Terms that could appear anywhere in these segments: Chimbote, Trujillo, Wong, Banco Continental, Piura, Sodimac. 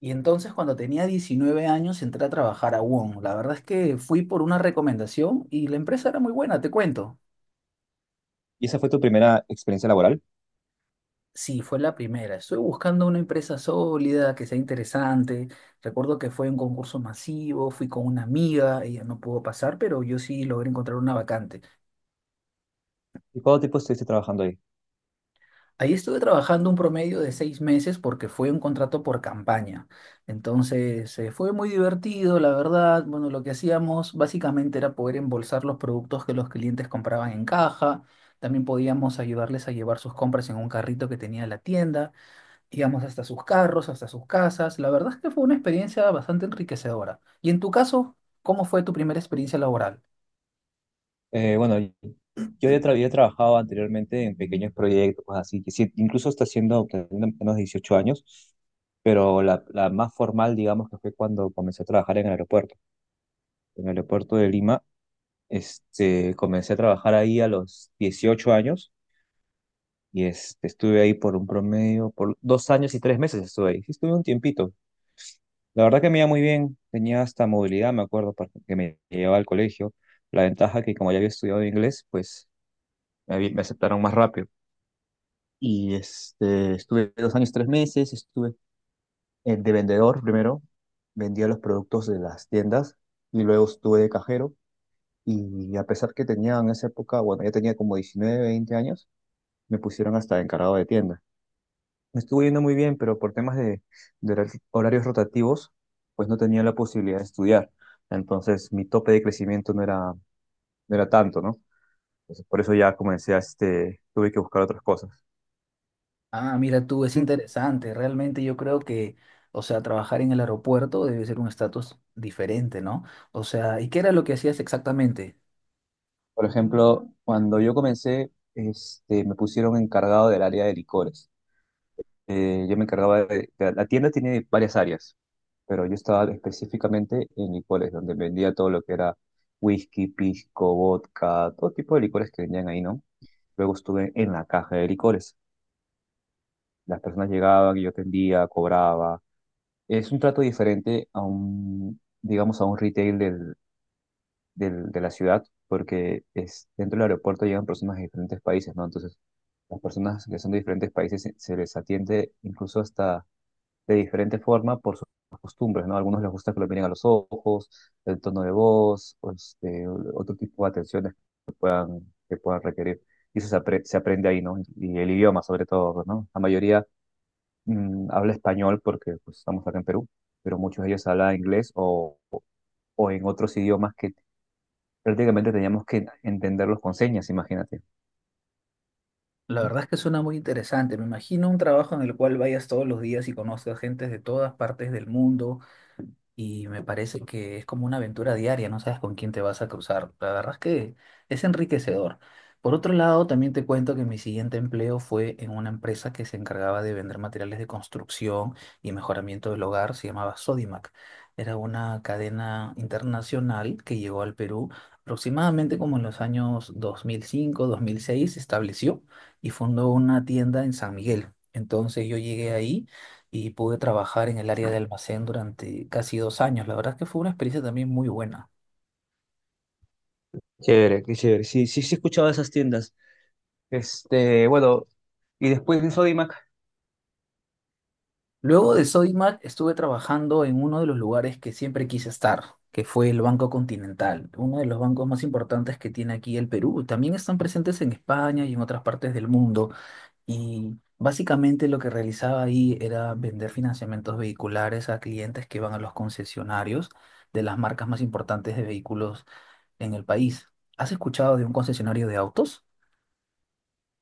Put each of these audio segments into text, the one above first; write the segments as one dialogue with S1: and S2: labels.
S1: Y entonces cuando tenía 19 años entré a trabajar a Wong. La verdad es que fui por una recomendación y la empresa era muy buena, te cuento.
S2: ¿Y esa fue tu primera experiencia laboral?
S1: Sí, fue la primera. Estoy buscando una empresa sólida, que sea interesante. Recuerdo que fue un concurso masivo, fui con una amiga, ella no pudo pasar, pero yo sí logré encontrar una vacante.
S2: ¿Y cuánto tiempo estuviste trabajando ahí?
S1: Ahí estuve trabajando un promedio de seis meses porque fue un contrato por campaña. Entonces, fue muy divertido, la verdad. Bueno, lo que hacíamos básicamente era poder embolsar los productos que los clientes compraban en caja. También podíamos ayudarles a llevar sus compras en un carrito que tenía la tienda. Íbamos hasta sus carros, hasta sus casas. La verdad es que fue una experiencia bastante enriquecedora. Y en tu caso, ¿cómo fue tu primera experiencia laboral?
S2: Bueno, yo ya había trabajado anteriormente en pequeños proyectos, cosas así, que sí, incluso hasta siendo teniendo menos 18 años, pero la más formal, digamos, que fue cuando comencé a trabajar en el aeropuerto. En el aeropuerto de Lima, comencé a trabajar ahí a los 18 años y estuve ahí por un promedio, por 2 años y 3 meses estuve ahí. Sí, estuve un tiempito. La verdad que me iba muy bien, tenía hasta movilidad, me acuerdo, que me llevaba al colegio. La ventaja que como ya había estudiado inglés, pues me aceptaron más rápido. Y estuve 2 años, 3 meses, estuve de vendedor primero, vendía los productos de las tiendas y luego estuve de cajero. Y a pesar que tenía en esa época, bueno, ya tenía como 19 20 años, me pusieron hasta encargado de tienda. Me estuvo yendo muy bien, pero por temas de horarios rotativos, pues no tenía la posibilidad de estudiar. Entonces, mi tope de crecimiento no era tanto, ¿no? Entonces, por eso ya comencé tuve que buscar otras cosas.
S1: Ah, mira tú, es
S2: ¿Mm?
S1: interesante. Realmente yo creo que, o sea, trabajar en el aeropuerto debe ser un estatus diferente, ¿no? O sea, ¿y qué era lo que hacías exactamente?
S2: Por ejemplo, cuando yo comencé, me pusieron encargado del área de licores. Yo me encargaba la tienda tiene varias áreas, pero yo estaba específicamente en licores, donde vendía todo lo que era whisky, pisco, vodka, todo tipo de licores que vendían ahí, ¿no? Luego estuve en la caja de licores. Las personas llegaban y yo atendía, cobraba. Es un trato diferente a un, digamos, a un retail de la ciudad, porque es, dentro del aeropuerto llegan personas de diferentes países, ¿no? Entonces, las personas que son de diferentes países se les atiende incluso hasta de diferente forma por sus costumbres, ¿no? A algunos les gusta que lo miren a los ojos, el tono de voz, o otro tipo de atenciones que puedan requerir. Y eso se aprende ahí, ¿no? Y el idioma, sobre todo, ¿no? La mayoría habla español porque pues, estamos acá en Perú, pero muchos de ellos hablan inglés o en otros idiomas que prácticamente teníamos que entenderlos con señas, imagínate.
S1: La verdad es que suena muy interesante. Me imagino un trabajo en el cual vayas todos los días y conozcas gente de todas partes del mundo. Y me parece que es como una aventura diaria, no sabes con quién te vas a cruzar. La verdad es que es enriquecedor. Por otro lado, también te cuento que mi siguiente empleo fue en una empresa que se encargaba de vender materiales de construcción y mejoramiento del hogar, se llamaba Sodimac. Era una cadena internacional que llegó al Perú aproximadamente como en los años 2005, 2006, se estableció y fundó una tienda en San Miguel. Entonces yo llegué ahí y pude trabajar en el área de almacén durante casi dos años. La verdad es que fue una experiencia también muy buena.
S2: Chévere, qué chévere. Sí, sí, sí, he escuchado de esas tiendas. Bueno, y después en Sodimac,
S1: Luego de Sodimac estuve trabajando en uno de los lugares que siempre quise estar, que fue el Banco Continental, uno de los bancos más importantes que tiene aquí el Perú. También están presentes en España y en otras partes del mundo. Y básicamente lo que realizaba ahí era vender financiamientos vehiculares a clientes que van a los concesionarios de las marcas más importantes de vehículos en el país. ¿Has escuchado de un concesionario de autos?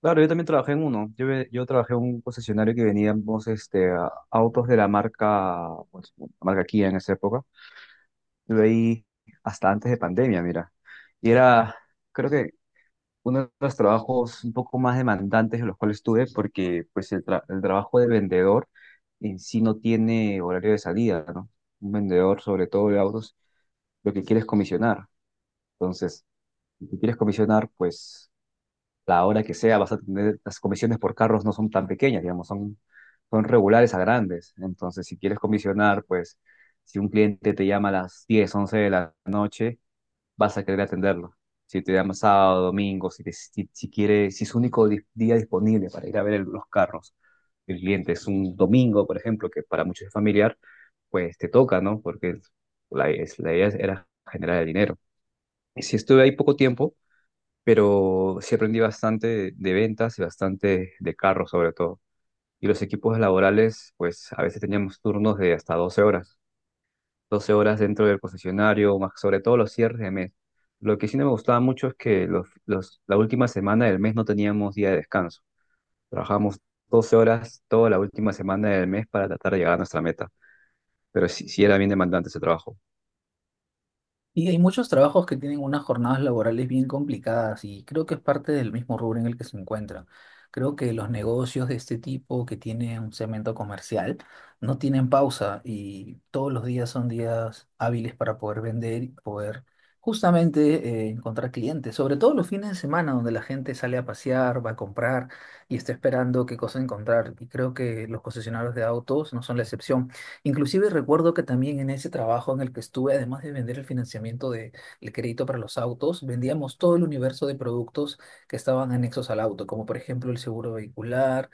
S2: claro, yo también trabajé en uno. Yo trabajé en un concesionario que veníamos autos de la marca, pues, la marca Kia en esa época. Estuve ahí hasta antes de pandemia, mira. Y era, creo que uno de los trabajos un poco más demandantes en los cuales estuve, porque pues el trabajo de vendedor en sí no tiene horario de salida, ¿no? Un vendedor, sobre todo de autos, lo que quiere es comisionar. Entonces, si tú quieres comisionar, pues la hora que sea vas a tener, las comisiones por carros no son tan pequeñas, digamos, son regulares a grandes. Entonces, si quieres comisionar, pues si un cliente te llama a las 10 11 de la noche, vas a querer atenderlo. Si te llama sábado, domingo, si quiere, si es su único día disponible para ir a ver los carros, el cliente es un domingo, por ejemplo, que para muchos es familiar, pues te toca, ¿no? Porque la idea era generar el dinero. Y sí estuve ahí poco tiempo, pero sí aprendí bastante de ventas y bastante de carros sobre todo. Y los equipos laborales, pues a veces teníamos turnos de hasta 12 horas 12 horas dentro del concesionario, más sobre todo los cierres de mes. Lo que sí no me gustaba mucho es que la última semana del mes no teníamos día de descanso. Trabajamos 12 horas toda la última semana del mes para tratar de llegar a nuestra meta, pero sí, sí era bien demandante ese trabajo.
S1: Y hay muchos trabajos que tienen unas jornadas laborales bien complicadas y creo que es parte del mismo rubro en el que se encuentran. Creo que los negocios de este tipo que tienen un segmento comercial no tienen pausa y todos los días son días hábiles para poder vender y poder justamente encontrar clientes, sobre todo los fines de semana donde la gente sale a pasear, va a comprar y está esperando qué cosa encontrar. Y creo que los concesionarios de autos no son la excepción. Inclusive recuerdo que también en ese trabajo en el que estuve, además de vender el financiamiento del crédito para los autos, vendíamos todo el universo de productos que estaban anexos al auto, como por ejemplo el seguro vehicular,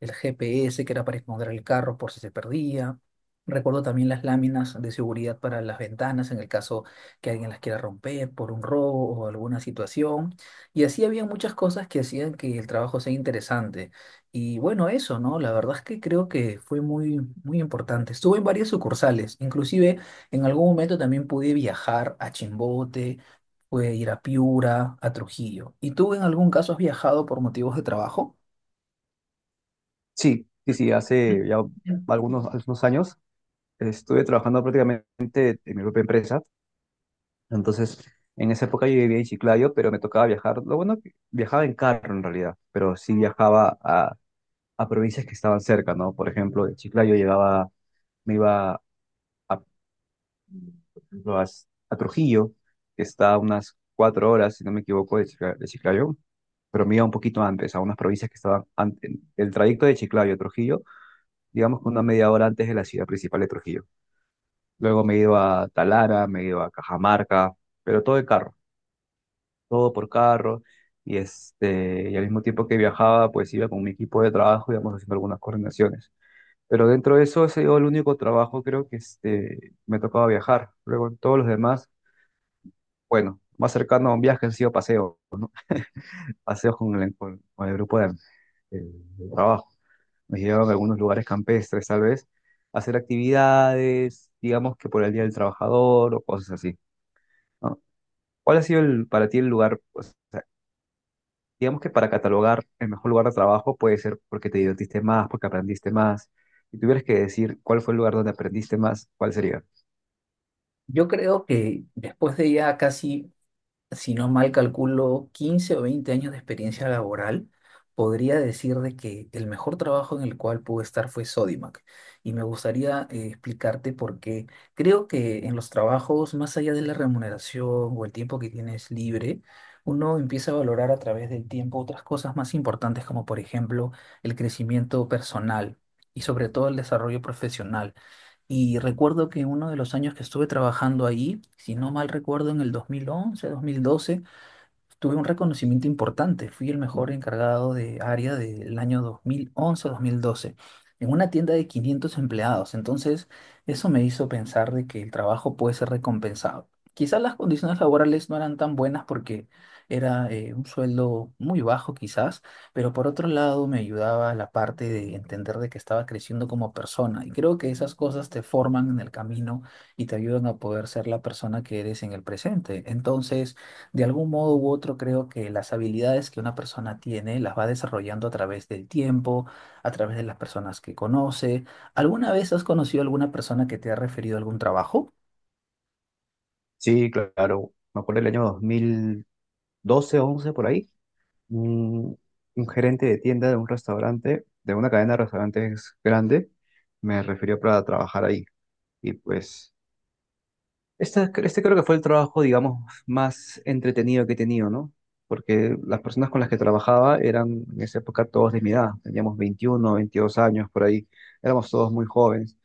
S1: el GPS que era para esconder el carro por si se perdía. Recuerdo también las láminas de seguridad para las ventanas en el caso que alguien las quiera romper por un robo o alguna situación. Y así había muchas cosas que hacían que el trabajo sea interesante. Y bueno, eso, ¿no? La verdad es que creo que fue muy, muy importante. Estuve en varias sucursales, inclusive en algún momento también pude viajar a Chimbote, pude ir a Piura, a Trujillo. ¿Y tú en algún caso has viajado por motivos de trabajo?
S2: Sí, sí, sí, hace ya algunos años estuve trabajando prácticamente en mi propia empresa. Entonces, en esa época yo vivía en Chiclayo, pero me tocaba viajar. Lo bueno que viajaba en carro en realidad, pero sí viajaba a provincias que estaban cerca, ¿no? Por ejemplo, de Chiclayo llegaba, me iba a, por ejemplo, a Trujillo, que está a unas 4 horas, si no me equivoco, de Chiclayo, pero me iba un poquito antes, a unas provincias que estaban antes. El trayecto de Chiclayo a Trujillo, digamos que una media hora antes de la ciudad principal de Trujillo. Luego me he ido a Talara, me he ido a Cajamarca, pero todo de carro, todo por carro. Y al mismo tiempo que viajaba, pues iba con mi equipo de trabajo, íbamos haciendo algunas coordinaciones. Pero dentro de eso, ese sido el único trabajo, creo que me tocaba viajar. Luego, en todos los demás, bueno, más cercano a un viaje han sido paseos con con el grupo de- de trabajo. Nos llevaban a algunos lugares campestres, tal vez, a hacer actividades, digamos que por el Día del Trabajador o cosas así, ¿no? ¿Cuál ha sido el, para ti el lugar, pues, o sea, digamos que para catalogar el mejor lugar de trabajo puede ser porque te divertiste más, porque aprendiste más? Si tuvieras que decir cuál fue el lugar donde aprendiste más, ¿cuál sería?
S1: Yo creo que después de ya casi, si no mal calculo, 15 o 20 años de experiencia laboral, podría decir de que el mejor trabajo en el cual pude estar fue Sodimac. Y me gustaría explicarte por qué. Creo que en los trabajos, más allá de la remuneración o el tiempo que tienes libre, uno empieza a valorar a través del tiempo otras cosas más importantes, como por ejemplo el crecimiento personal y sobre todo el desarrollo profesional. Y recuerdo que uno de los años que estuve trabajando ahí, si no mal recuerdo, en el dos mil once dos mil doce tuve un reconocimiento importante. Fui el mejor encargado de área del año 2011-2012 en una tienda de 500 empleados. Entonces, eso me hizo pensar de que el trabajo puede ser recompensado. Quizás las condiciones laborales no eran tan buenas porque era un sueldo muy bajo quizás, pero por otro lado me ayudaba la parte de entender de que estaba creciendo como persona. Y creo que esas cosas te forman en el camino y te ayudan a poder ser la persona que eres en el presente. Entonces, de algún modo u otro, creo que las habilidades que una persona tiene las va desarrollando a través del tiempo, a través de las personas que conoce. ¿Alguna vez has conocido a alguna persona que te ha referido algún trabajo?
S2: Sí, claro. Me acuerdo del año dos mil doce once por ahí. Un, un gerente de tienda de un restaurante, de una cadena de restaurantes grande, me refirió para trabajar ahí. Y pues, este creo que fue el trabajo, digamos, más entretenido que he tenido, ¿no? Porque las personas con las que trabajaba eran en esa época todos de mi edad. Teníamos 21 22 años por ahí. Éramos todos muy jóvenes.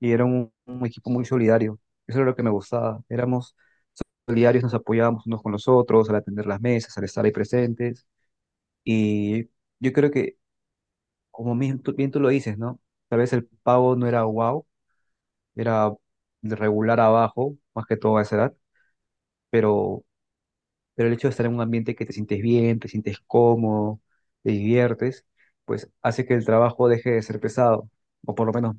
S2: Y era un equipo muy solidario. Eso era lo que me gustaba. Éramos diarios nos apoyábamos unos con los otros, al atender las mesas, al estar ahí presentes. Y yo creo que, como bien tú lo dices, ¿no? Tal vez el pavo no era wow, era de regular abajo, más que todo a esa edad, pero, pero el hecho de estar en un ambiente que te sientes bien, te sientes cómodo, te diviertes, pues hace que el trabajo deje de ser pesado, o por lo menos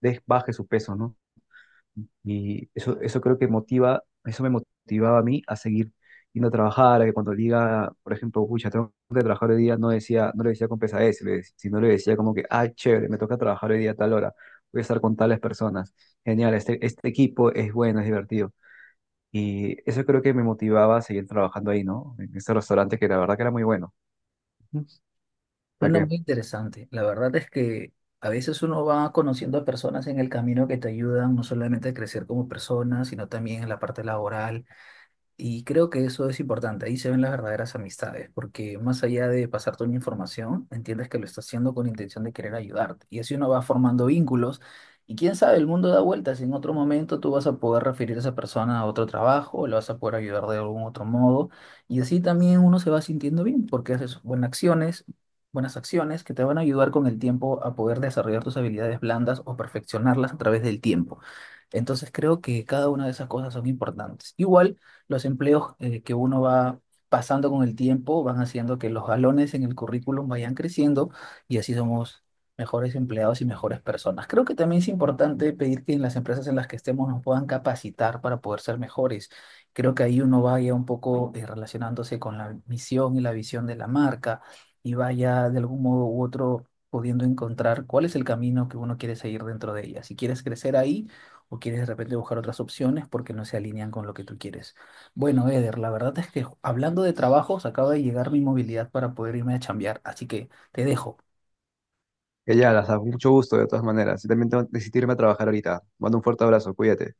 S2: baje su peso, ¿no? Y eso creo que motiva, eso me motivaba a mí a seguir yendo a trabajar, a que cuando diga, por ejemplo, pucha, tengo que trabajar hoy día, no decía, no le decía con pesadez, sino le decía como que, ah, chévere, me toca trabajar hoy día a tal hora, voy a estar con tales personas, genial, este equipo es bueno, es divertido. Y eso creo que me motivaba a seguir trabajando ahí, ¿no? En ese restaurante que la verdad que era muy bueno. Ujú. O sea
S1: Bueno,
S2: que,
S1: muy interesante. La verdad es que a veces uno va conociendo a personas en el camino que te ayudan no solamente a crecer como persona, sino también en la parte laboral. Y creo que eso es importante, ahí se ven las verdaderas amistades, porque más allá de pasarte una información, entiendes que lo estás haciendo con intención de querer ayudarte. Y así uno va formando vínculos y quién sabe, el mundo da vueltas. En otro momento tú vas a poder referir a esa persona a otro trabajo, lo vas a poder ayudar de algún otro modo. Y así también uno se va sintiendo bien, porque haces buenas acciones que te van a ayudar con el tiempo a poder desarrollar tus habilidades blandas o perfeccionarlas a través del tiempo. Entonces creo que cada una de esas cosas son importantes. Igual los empleos que uno va pasando con el tiempo van haciendo que los galones en el currículum vayan creciendo y así somos mejores empleados y mejores personas. Creo que también es importante pedir que en las empresas en las que estemos nos puedan capacitar para poder ser mejores. Creo que ahí uno vaya un poco relacionándose con la misión y la visión de la marca y vaya de algún modo u otro pudiendo encontrar cuál es el camino que uno quiere seguir dentro de ella. Si quieres crecer ahí o quieres de repente buscar otras opciones porque no se alinean con lo que tú quieres. Bueno, Eder, la verdad es que hablando de trabajos, acaba de llegar mi movilidad para poder irme a chambear, así que te dejo.
S2: ya, las mucho gusto de todas maneras. Yo también tengo que decidirme a trabajar ahorita. Mando un fuerte abrazo, cuídate.